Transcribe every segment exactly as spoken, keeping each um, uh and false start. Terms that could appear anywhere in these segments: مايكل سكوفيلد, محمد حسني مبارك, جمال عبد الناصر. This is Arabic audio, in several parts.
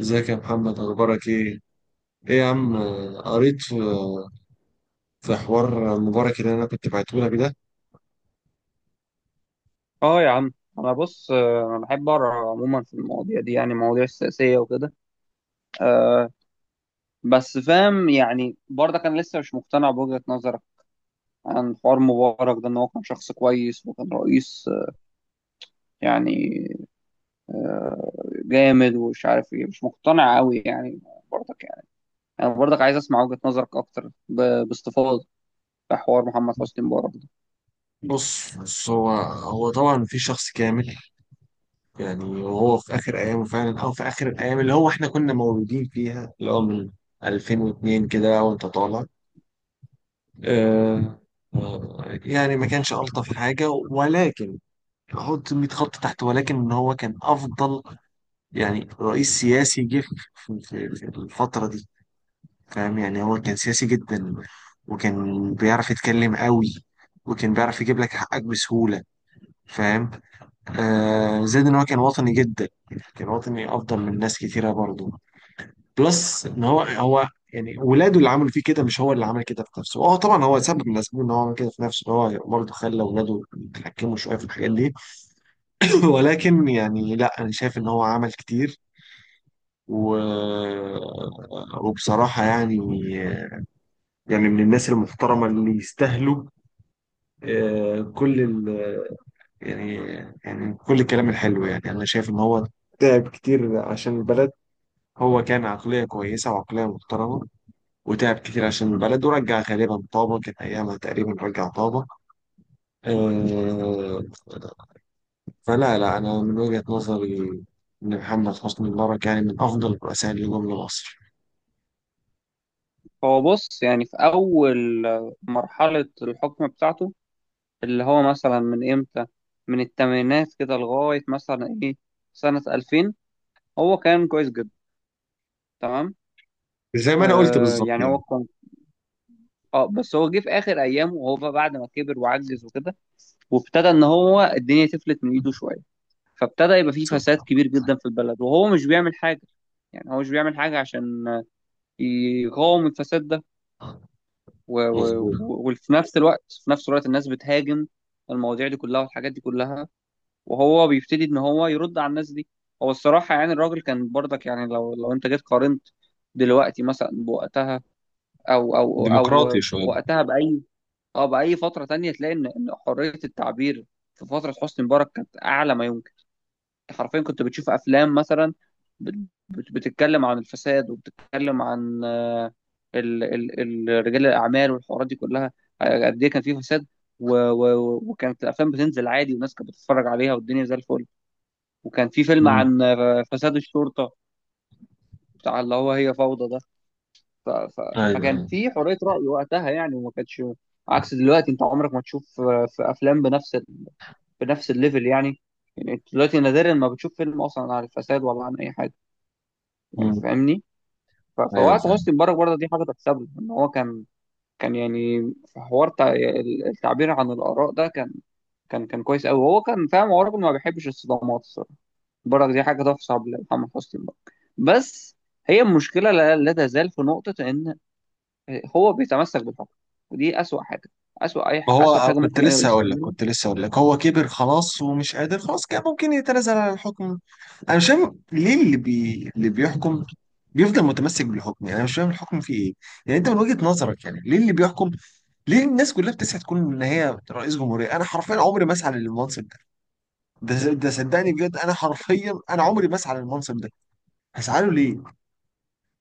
ازيك يا محمد، اخبارك ايه؟ ايه يا عم آه، قريت في في حوار مبارك اللي انا كنت بعته لك ده. اه يا عم، انا بص، آه، انا بحب اقرا عموما في المواضيع دي، يعني مواضيع السياسيه وكده. أه بس فاهم، يعني برضه كان لسه مش مقتنع بوجهه نظرك عن حوار مبارك ده، ان هو كان شخص كويس وكان رئيس آه، يعني جامد ومش عارف ايه، مش مقتنع قوي يعني، برضك يعني. انا برضك عايز اسمع وجهه نظرك اكتر ب- باستفاضه في حوار محمد حسني مبارك ده. بص بص هو هو طبعا في شخص كامل، يعني وهو في اخر ايامه فعلا، او في اخر الايام اللي هو احنا كنا مولودين فيها، اللي هو من ألفين واتنين كده وانت طالع. آه آه، يعني ما كانش الطف حاجه، ولكن احط مية خط تحت، ولكن ان هو كان افضل يعني رئيس سياسي جه في في- في الفتره دي. فاهم يعني؟ هو كان سياسي جدا، وكان بيعرف يتكلم قوي، وكان بيعرف يجيب لك حقك بسهولة. فاهم؟ آه، زائد ان هو كان وطني جدا، كان وطني افضل من ناس كتيرة برضو. بلس ان هو هو، يعني ولاده اللي عملوا فيه كده، مش هو اللي عمل كده في نفسه. اه طبعا هو سبب من الاسباب ان هو عمل كده في نفسه، إن هو برضه خلى ولاده يتحكموا شويه في الحاجات دي. ولكن يعني لا، انا شايف ان هو عمل كتير و... وبصراحه يعني، يعني من الناس المحترمة اللي يستاهلوا آه، كل ال، يعني، يعني كل الكلام الحلو. يعني أنا شايف إن هو تعب كتير عشان البلد. هو كان عقلية كويسة وعقلية محترمة، وتعب كتير عشان البلد، ورجع غالبا طابة، كان أيامها تقريبا رجع طابة. آه، فلا لا أنا من وجهة نظري إن محمد حسني مبارك يعني من أفضل الرؤساء اللي جم لمصر. هو بص، يعني في اول آه، مرحله الحكم بتاعته، اللي هو مثلا من امتى، من الثمانينات كده لغاية مثلا ايه، سنة ألفين، هو كان كويس جدا، تمام. زي ما أنا قلت آه بالظبط يعني هو يعني. كان، اه بس هو جه في اخر ايامه، وهو بقى بعد ما كبر وعجز وكده، وابتدى ان هو الدنيا تفلت من ايده شوية، فابتدى يبقى فيه فساد صح. كبير جدا في البلد، وهو مش بيعمل حاجة. يعني هو مش بيعمل حاجة عشان يقاوم الفساد ده، و- و- مظبوط. و- وفي نفس الوقت في نفس الوقت الناس بتهاجم المواضيع دي كلها والحاجات دي كلها، وهو بيبتدي ان هو يرد على الناس دي. هو الصراحه، يعني الراجل كان برضك، يعني لو لو انت جيت قارنت دلوقتي مثلا بوقتها، او او ديمقراطي او شوية. وقتها باي، اه باي فتره تانية، تلاقي ان إن حريه التعبير في فتره حسني مبارك كانت اعلى ما يمكن. أنت حرفيا كنت بتشوف افلام مثلا بت- بت- بتتكلم عن الفساد، وبتتكلم عن آه، ال- ال- ال- رجال الاعمال والحوارات دي كلها، آه، قد ايه كان في فساد. و- و- وكانت الافلام بتنزل عادي، والناس كانت بتتفرج عليها، والدنيا زي الفل. وكان في فيلم مم. عن فساد الشرطة، بتاع اللي هو هي فوضى ده. ف... ف... أيوه فكان أيوه. في حرية رأي وقتها يعني، وما كانتش عكس دلوقتي. انت عمرك ما تشوف في افلام بنفس ال... بنفس الليفل يعني. يعني انت دلوقتي نادرا ما بتشوف فيلم اصلا عن الفساد، ولا عن اي حاجة، يعني مم. فاهمني. ف... ايوه فوقت فاهم. حسني مبارك برضه، دي حاجة تحسب له ان هو كان، كان يعني في حوار تع- التعبير عن الآراء ده، كان كان كان كويس قوي. هو كان فاهم، هو راجل ما بيحبش الصدمات الصراحه. برك، دي حاجه تحسب لمحمد حسني برك. بس هي المشكله لا, لا تزال في نقطه ان هو بيتمسك بالحكم، ودي اسوأ حاجه. اسوأ اي ما ح- هو اسوأ أنا حاجه كنت ممكن اي لسه رئيس هقول لك تعملها. كنت لسه هقول لك هو كبر خلاص ومش قادر خلاص، كان ممكن يتنازل عن الحكم. انا مش فاهم ليه اللي بي... اللي بيحكم بيفضل متمسك بالحكم. يعني انا مش فاهم الحكم فيه ايه. يعني انت من وجهة نظرك، يعني ليه اللي بيحكم؟ ليه الناس كلها بتسعى تكون ان هي رئيس جمهورية؟ انا حرفيا عمري ما اسعى للمنصب ده. ده ده صدقني بجد، انا حرفيا انا عمري ما اسعى للمنصب ده. هسعى له ليه؟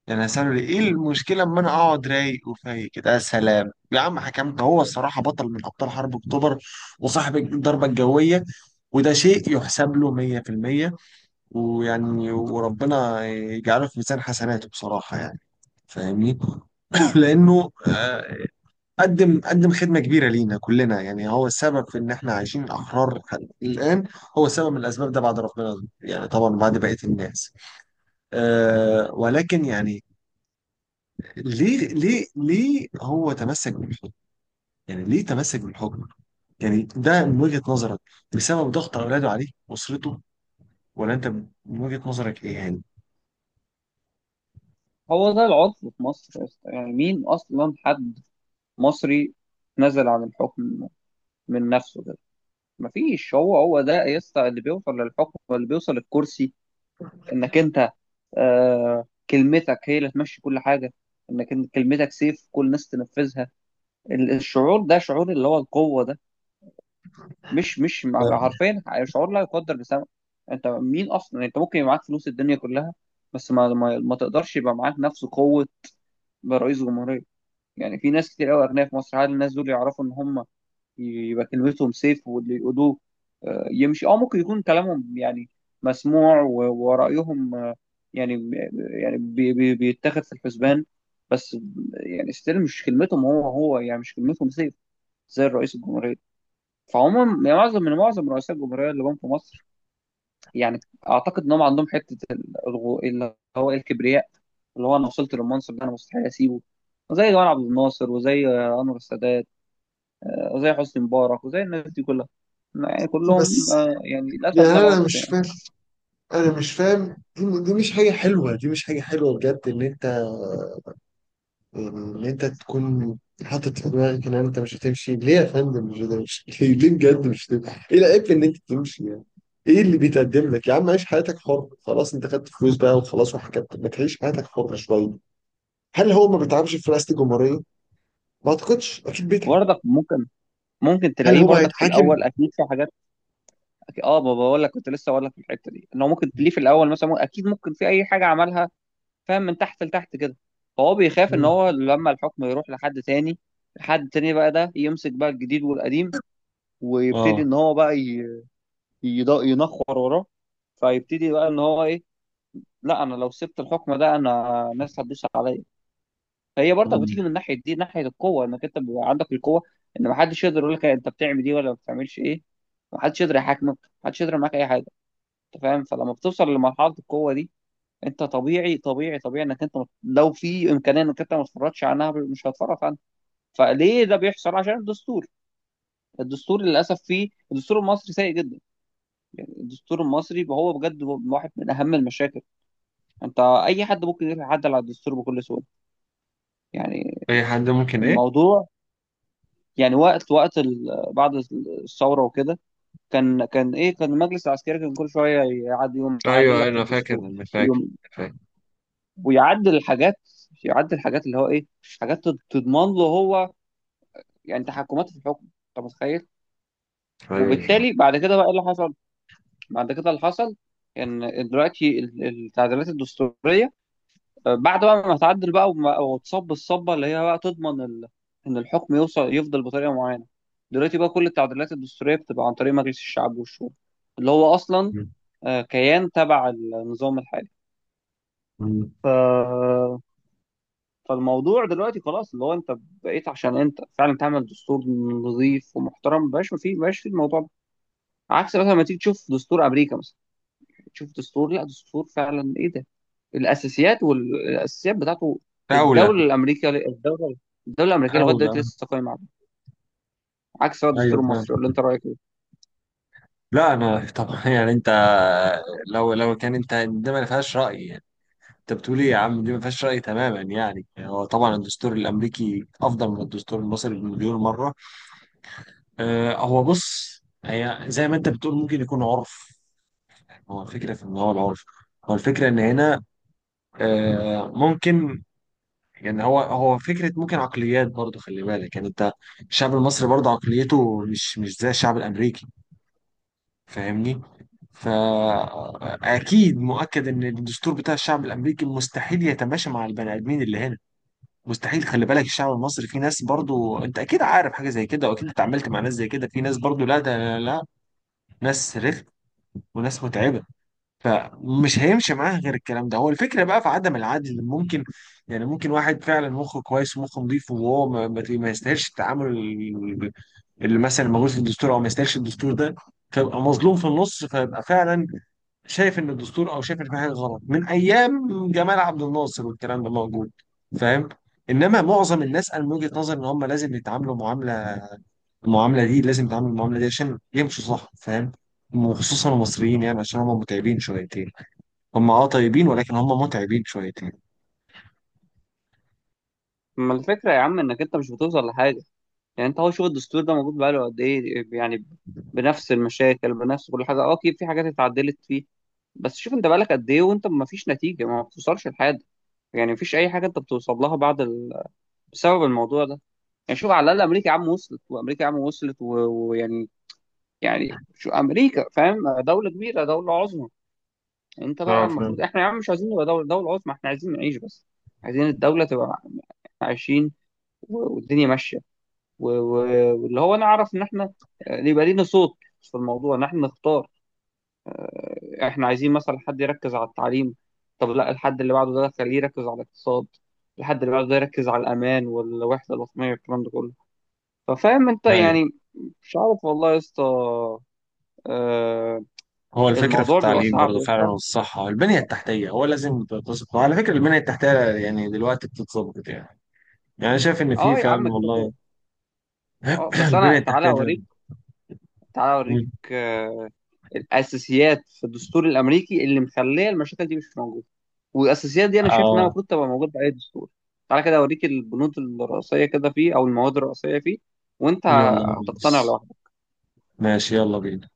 يعني هسأله ليه؟ ايه المشكلة اما انا اقعد رايق وفايق كده؟ يا سلام يا عم حكمت. هو الصراحة بطل من ابطال حرب اكتوبر، وصاحب الضربة الجوية، وده شيء يحسب له مية في المية. ويعني وربنا يجعله في ميزان حسناته بصراحة يعني. فاهمني؟ لأنه آه، قدم قدم خدمة كبيرة لينا كلنا. يعني هو السبب في إن إحنا عايشين أحرار لحد الآن. هو سبب من الأسباب ده بعد ربنا، يعني طبعا بعد بقية الناس. آه، ولكن يعني ليه ليه ليه هو تمسك بالحكم؟ يعني ليه تمسك بالحكم؟ يعني ده من وجهة نظرك بسبب ضغط اولاده عليه، اسرته، ولا انت من وجهة نظرك ايه يعني؟ هو ده العطل في مصر يا اسطى. يعني مين اصلا حد مصري نزل عن الحكم من نفسه كده؟ مفيش. هو هو ده يا اسطى اللي بيوصل للحكم واللي بيوصل للكرسي، انك انت آه كلمتك هي اللي تمشي كل حاجة، انك إن كلمتك سيف كل الناس تنفذها. ال- الشعور ده، شعور اللي هو القوة ده، مش مش لا مع- حرفيا شعور لا يقدر بثمن. انت مين اصلا؟ انت ممكن يبقى معاك فلوس الدنيا كلها، بس ما ما, ما تقدرش يبقى معاك نفس قوة رئيس جمهورية. يعني في ناس كتير قوي اغنياء في مصر، هل الناس دول يعرفوا ان هم يبقى كلمتهم سيف واللي يقولوه آه، يمشي؟ اه ممكن يكون كلامهم يعني مسموع، و- ورأيهم يعني يعني بي بي بيتاخد في الحسبان، بس يعني ستيل مش كلمتهم، هو هو يعني مش كلمتهم زي زي الرئيس الجمهورية. فعموما يعني معظم من معظم رؤساء الجمهورية اللي جم في مصر، يعني اعتقد ان هم عندهم حتة الغو- اللي هو الكبرياء، اللي هو انا وصلت للمنصب ده، انا مستحيل اسيبه. زي جمال عبد الناصر، وزي انور السادات، وزي حسني مبارك، وزي الناس دي كلها. يعني كلهم، بس آه، يعني للاسف يعني ده انا العرف مش يعني. فاهم، انا مش فاهم. دي, دي مش حاجه حلوه، دي مش حاجه حلوه بجد، ان انت، ان انت تكون حاطط في دماغك ان انت مش هتمشي. ليه يا فندم مش هتمشي؟ ليه؟ ليه بجد مش هتمشي؟ ايه العيب في ان انت تمشي يعني؟ ايه اللي بيتقدم لك؟ يا عم عيش حياتك حر خلاص، انت خدت فلوس بقى وخلاص وحكت، ما تعيش حياتك حر شويه. هل هو ما بيتعبش في رئاسة الجمهورية؟ ما اعتقدش، اكيد بيتعب. برضك ممكن، ممكن هل تلاقيه هو برضك في هيتحاكم؟ الاول اكيد في حاجات، أكيد، اه ما بقول لك كنت لسه بقول لك في الحته دي، ان هو ممكن تليه في الاول مثلا مو- اكيد ممكن في اي حاجه عملها، فاهم، من تحت لتحت كده. فهو بيخاف ان مم. هو لما الحكم يروح لحد تاني، حد تاني بقى ده يمسك بقى الجديد والقديم، ويبتدي اه. ان هو بقى ي- يض- ينخر وراه، فيبتدي بقى ان هو ايه، لا انا لو سبت الحكم ده انا الناس هتدوس عليا. فهي برضك مم. بتيجي من ناحيه دي، ناحيه القوه، انك انت بيبقى عندك القوه ان محدش يقدر يقول لك انت بتعمل دي ولا ما بتعملش ايه. محدش يقدر يحاكمك، محدش يقدر معاك اي حاجه، انت فاهم. فلما بتوصل لمرحله القوه دي، انت طبيعي طبيعي طبيعي انك انت مت- لو في امكانيه انك انت ما تتفرجش عنها، مش هتتفرج عنها. فليه ده بيحصل؟ عشان الدستور. الدستور للاسف فيه، الدستور المصري سيء جدا. يعني الدستور المصري هو بجد هو واحد من اهم المشاكل. انت اي حد ممكن يتعدل على الدستور بكل سهوله. يعني اي حد ممكن ايه؟ الموضوع، يعني وقت وقت ال- بعد الثوره وكده، كان كان ايه كان المجلس العسكري كان كل شويه يعد يقوم معدل ايوه لك في انا فاكر، الدستور انا فاكر، فاكر. ويعدل الحاجات، يعدل الحاجات اللي هو ايه، حاجات تض- تضمن له هو يعني تحكمات في الحكم. انت متخيل؟ ايوه. وبالتالي بعد كده بقى ايه اللي حصل؟ بعد كده اللي حصل ان دلوقتي ال- التعديلات الدستوريه، آه، بعد بقى ما تعدل بقى وما- وتصب الصبه اللي هي بقى تضمن ال... ان الحكم يوصل يفضل بطريقه معينه. دلوقتي بقى كل التعديلات الدستوريه بتبقى عن طريق مجلس الشعب والشورى، اللي هو اصلا مم. آه، كيان تبع النظام الحالي. مم. ف فالموضوع دلوقتي خلاص، اللي هو انت بقيت عشان انت فعلا تعمل دستور نظيف ومحترم، مبقاش في مبقاش في الموضوع ده. عكس مثلا لما تيجي تشوف دستور امريكا مثلا، تشوف دستور، لا دستور فعلا، ايه ده، الاساسيات، والاساسيات بتاعته. الدوله اولى. الامريكيه الدوله الدوله الامريكيه لغايه اولى. دلوقتي لسه قايمه عليه، عكس بقى ايوه. الدستور المصري. ولا انت رايك ايه؟ لا انا طبعا يعني انت، لو لو كان انت ده ما فيهاش راي يعني. انت بتقول ايه يا عم؟ دي ما فيهاش راي تماما. يعني هو طبعا الدستور الامريكي افضل من الدستور المصري بمليون مره. آه هو بص، هي زي ما انت بتقول ممكن يكون عرف. هو الفكره في ان هو العرف، هو الفكره ان هنا، آه ممكن يعني، هو هو فكره ممكن عقليات برضو. خلي بالك يعني انت، الشعب المصري برضو عقليته مش مش زي الشعب الامريكي. فاهمني؟ فأكيد مؤكد إن الدستور بتاع الشعب الأمريكي مستحيل يتماشى مع البني آدمين اللي هنا. مستحيل. خلي بالك الشعب المصري، في ناس برضو، أنت أكيد عارف حاجة زي كده، وأكيد اتعاملت مع ناس زي كده. في ناس برضو، لا ده، لا, لا، ناس رخم وناس متعبة. فمش هيمشي معاها غير الكلام ده. هو الفكرة بقى في عدم العدل ممكن، يعني ممكن واحد فعلا مخه كويس ومخه نضيف، وهو ما, ما ما يستاهلش التعامل اللي مثلا موجود في الدستور، أو ما يستاهلش الدستور ده، فيبقى مظلوم في النص، فيبقى فعلا شايف ان الدستور، او شايف ان في حاجه غلط من ايام جمال عبد الناصر، والكلام ده موجود. فاهم؟ انما معظم الناس، انا من وجهه نظري ان هم لازم يتعاملوا معامله، المعامله دي لازم يتعاملوا المعامله دي عشان يمشوا صح. فاهم؟ وخصوصا المصريين يعني، عشان هم متعبين شويتين. هم اه طيبين ولكن هم متعبين شويتين. ما الفكره يا عم، انك انت مش بتوصل لحاجه. يعني انت، هو شغل الدستور ده موجود بقاله قد ايه يعني، بنفس المشاكل، بنفس كل حاجه؟ اه اكيد في حاجات اتعدلت فيه، بس شوف انت بقالك قد ايه وانت ما فيش نتيجه، ما بتوصلش لحاجه. يعني ما فيش اي حاجه انت بتوصل لها بعد ال... بسبب الموضوع ده. يعني شوف على الاقل امريكا يا عم وصلت، وامريكا يا عم وصلت و- ويعني يعني يعني شو امريكا، فاهم، دوله كبيره، دوله عظمى. انت بقى اه المفروض فاهم. احنا يا عم مش عايزين نبقى دوله، دوله عظمى، احنا عايزين نعيش بس. عايزين الدوله تبقى عايشين والدنيا ماشيه، و- و- واللي هو نعرف ان احنا آه، يبقى لينا صوت في الموضوع، ان احنا نختار. آه، احنا عايزين مثلا حد يركز على التعليم، طب لا الحد اللي بعده ده خليه يركز على الاقتصاد، الحد اللي بعده ده يركز على الامان والوحده الوطنيه والكلام ده كله. ففاهم انت ايوه. يعني. مش عارف والله يا اسطى، آه، هو الفكره في الموضوع بيبقى التعليم صعب برضه يا فعلا، اسطى. والصحه، البنيه التحتيه، هو لازم تتظبط. وعلى فكره البنيه التحتيه يعني دلوقتي بتتظبط يعني. يعني أنا شايف ان في اه يا فعلا عم كده كده. والله. اه بس البنيه انا تعالى التحتيه ده، اوريك، تعالى اوريك آه، الاساسيات في الدستور الامريكي اللي مخليه المشاكل دي مش موجوده، والاساسيات دي انا شايف انها اه. المفروض تبقى موجوده في اي دستور. تعالى كده اوريك البنود الرئيسيه كده فيه، او المواد الرئيسيه فيه، وانت يلا يا هتقتنع بيس. لوحدك. ماشي، يلا بينا.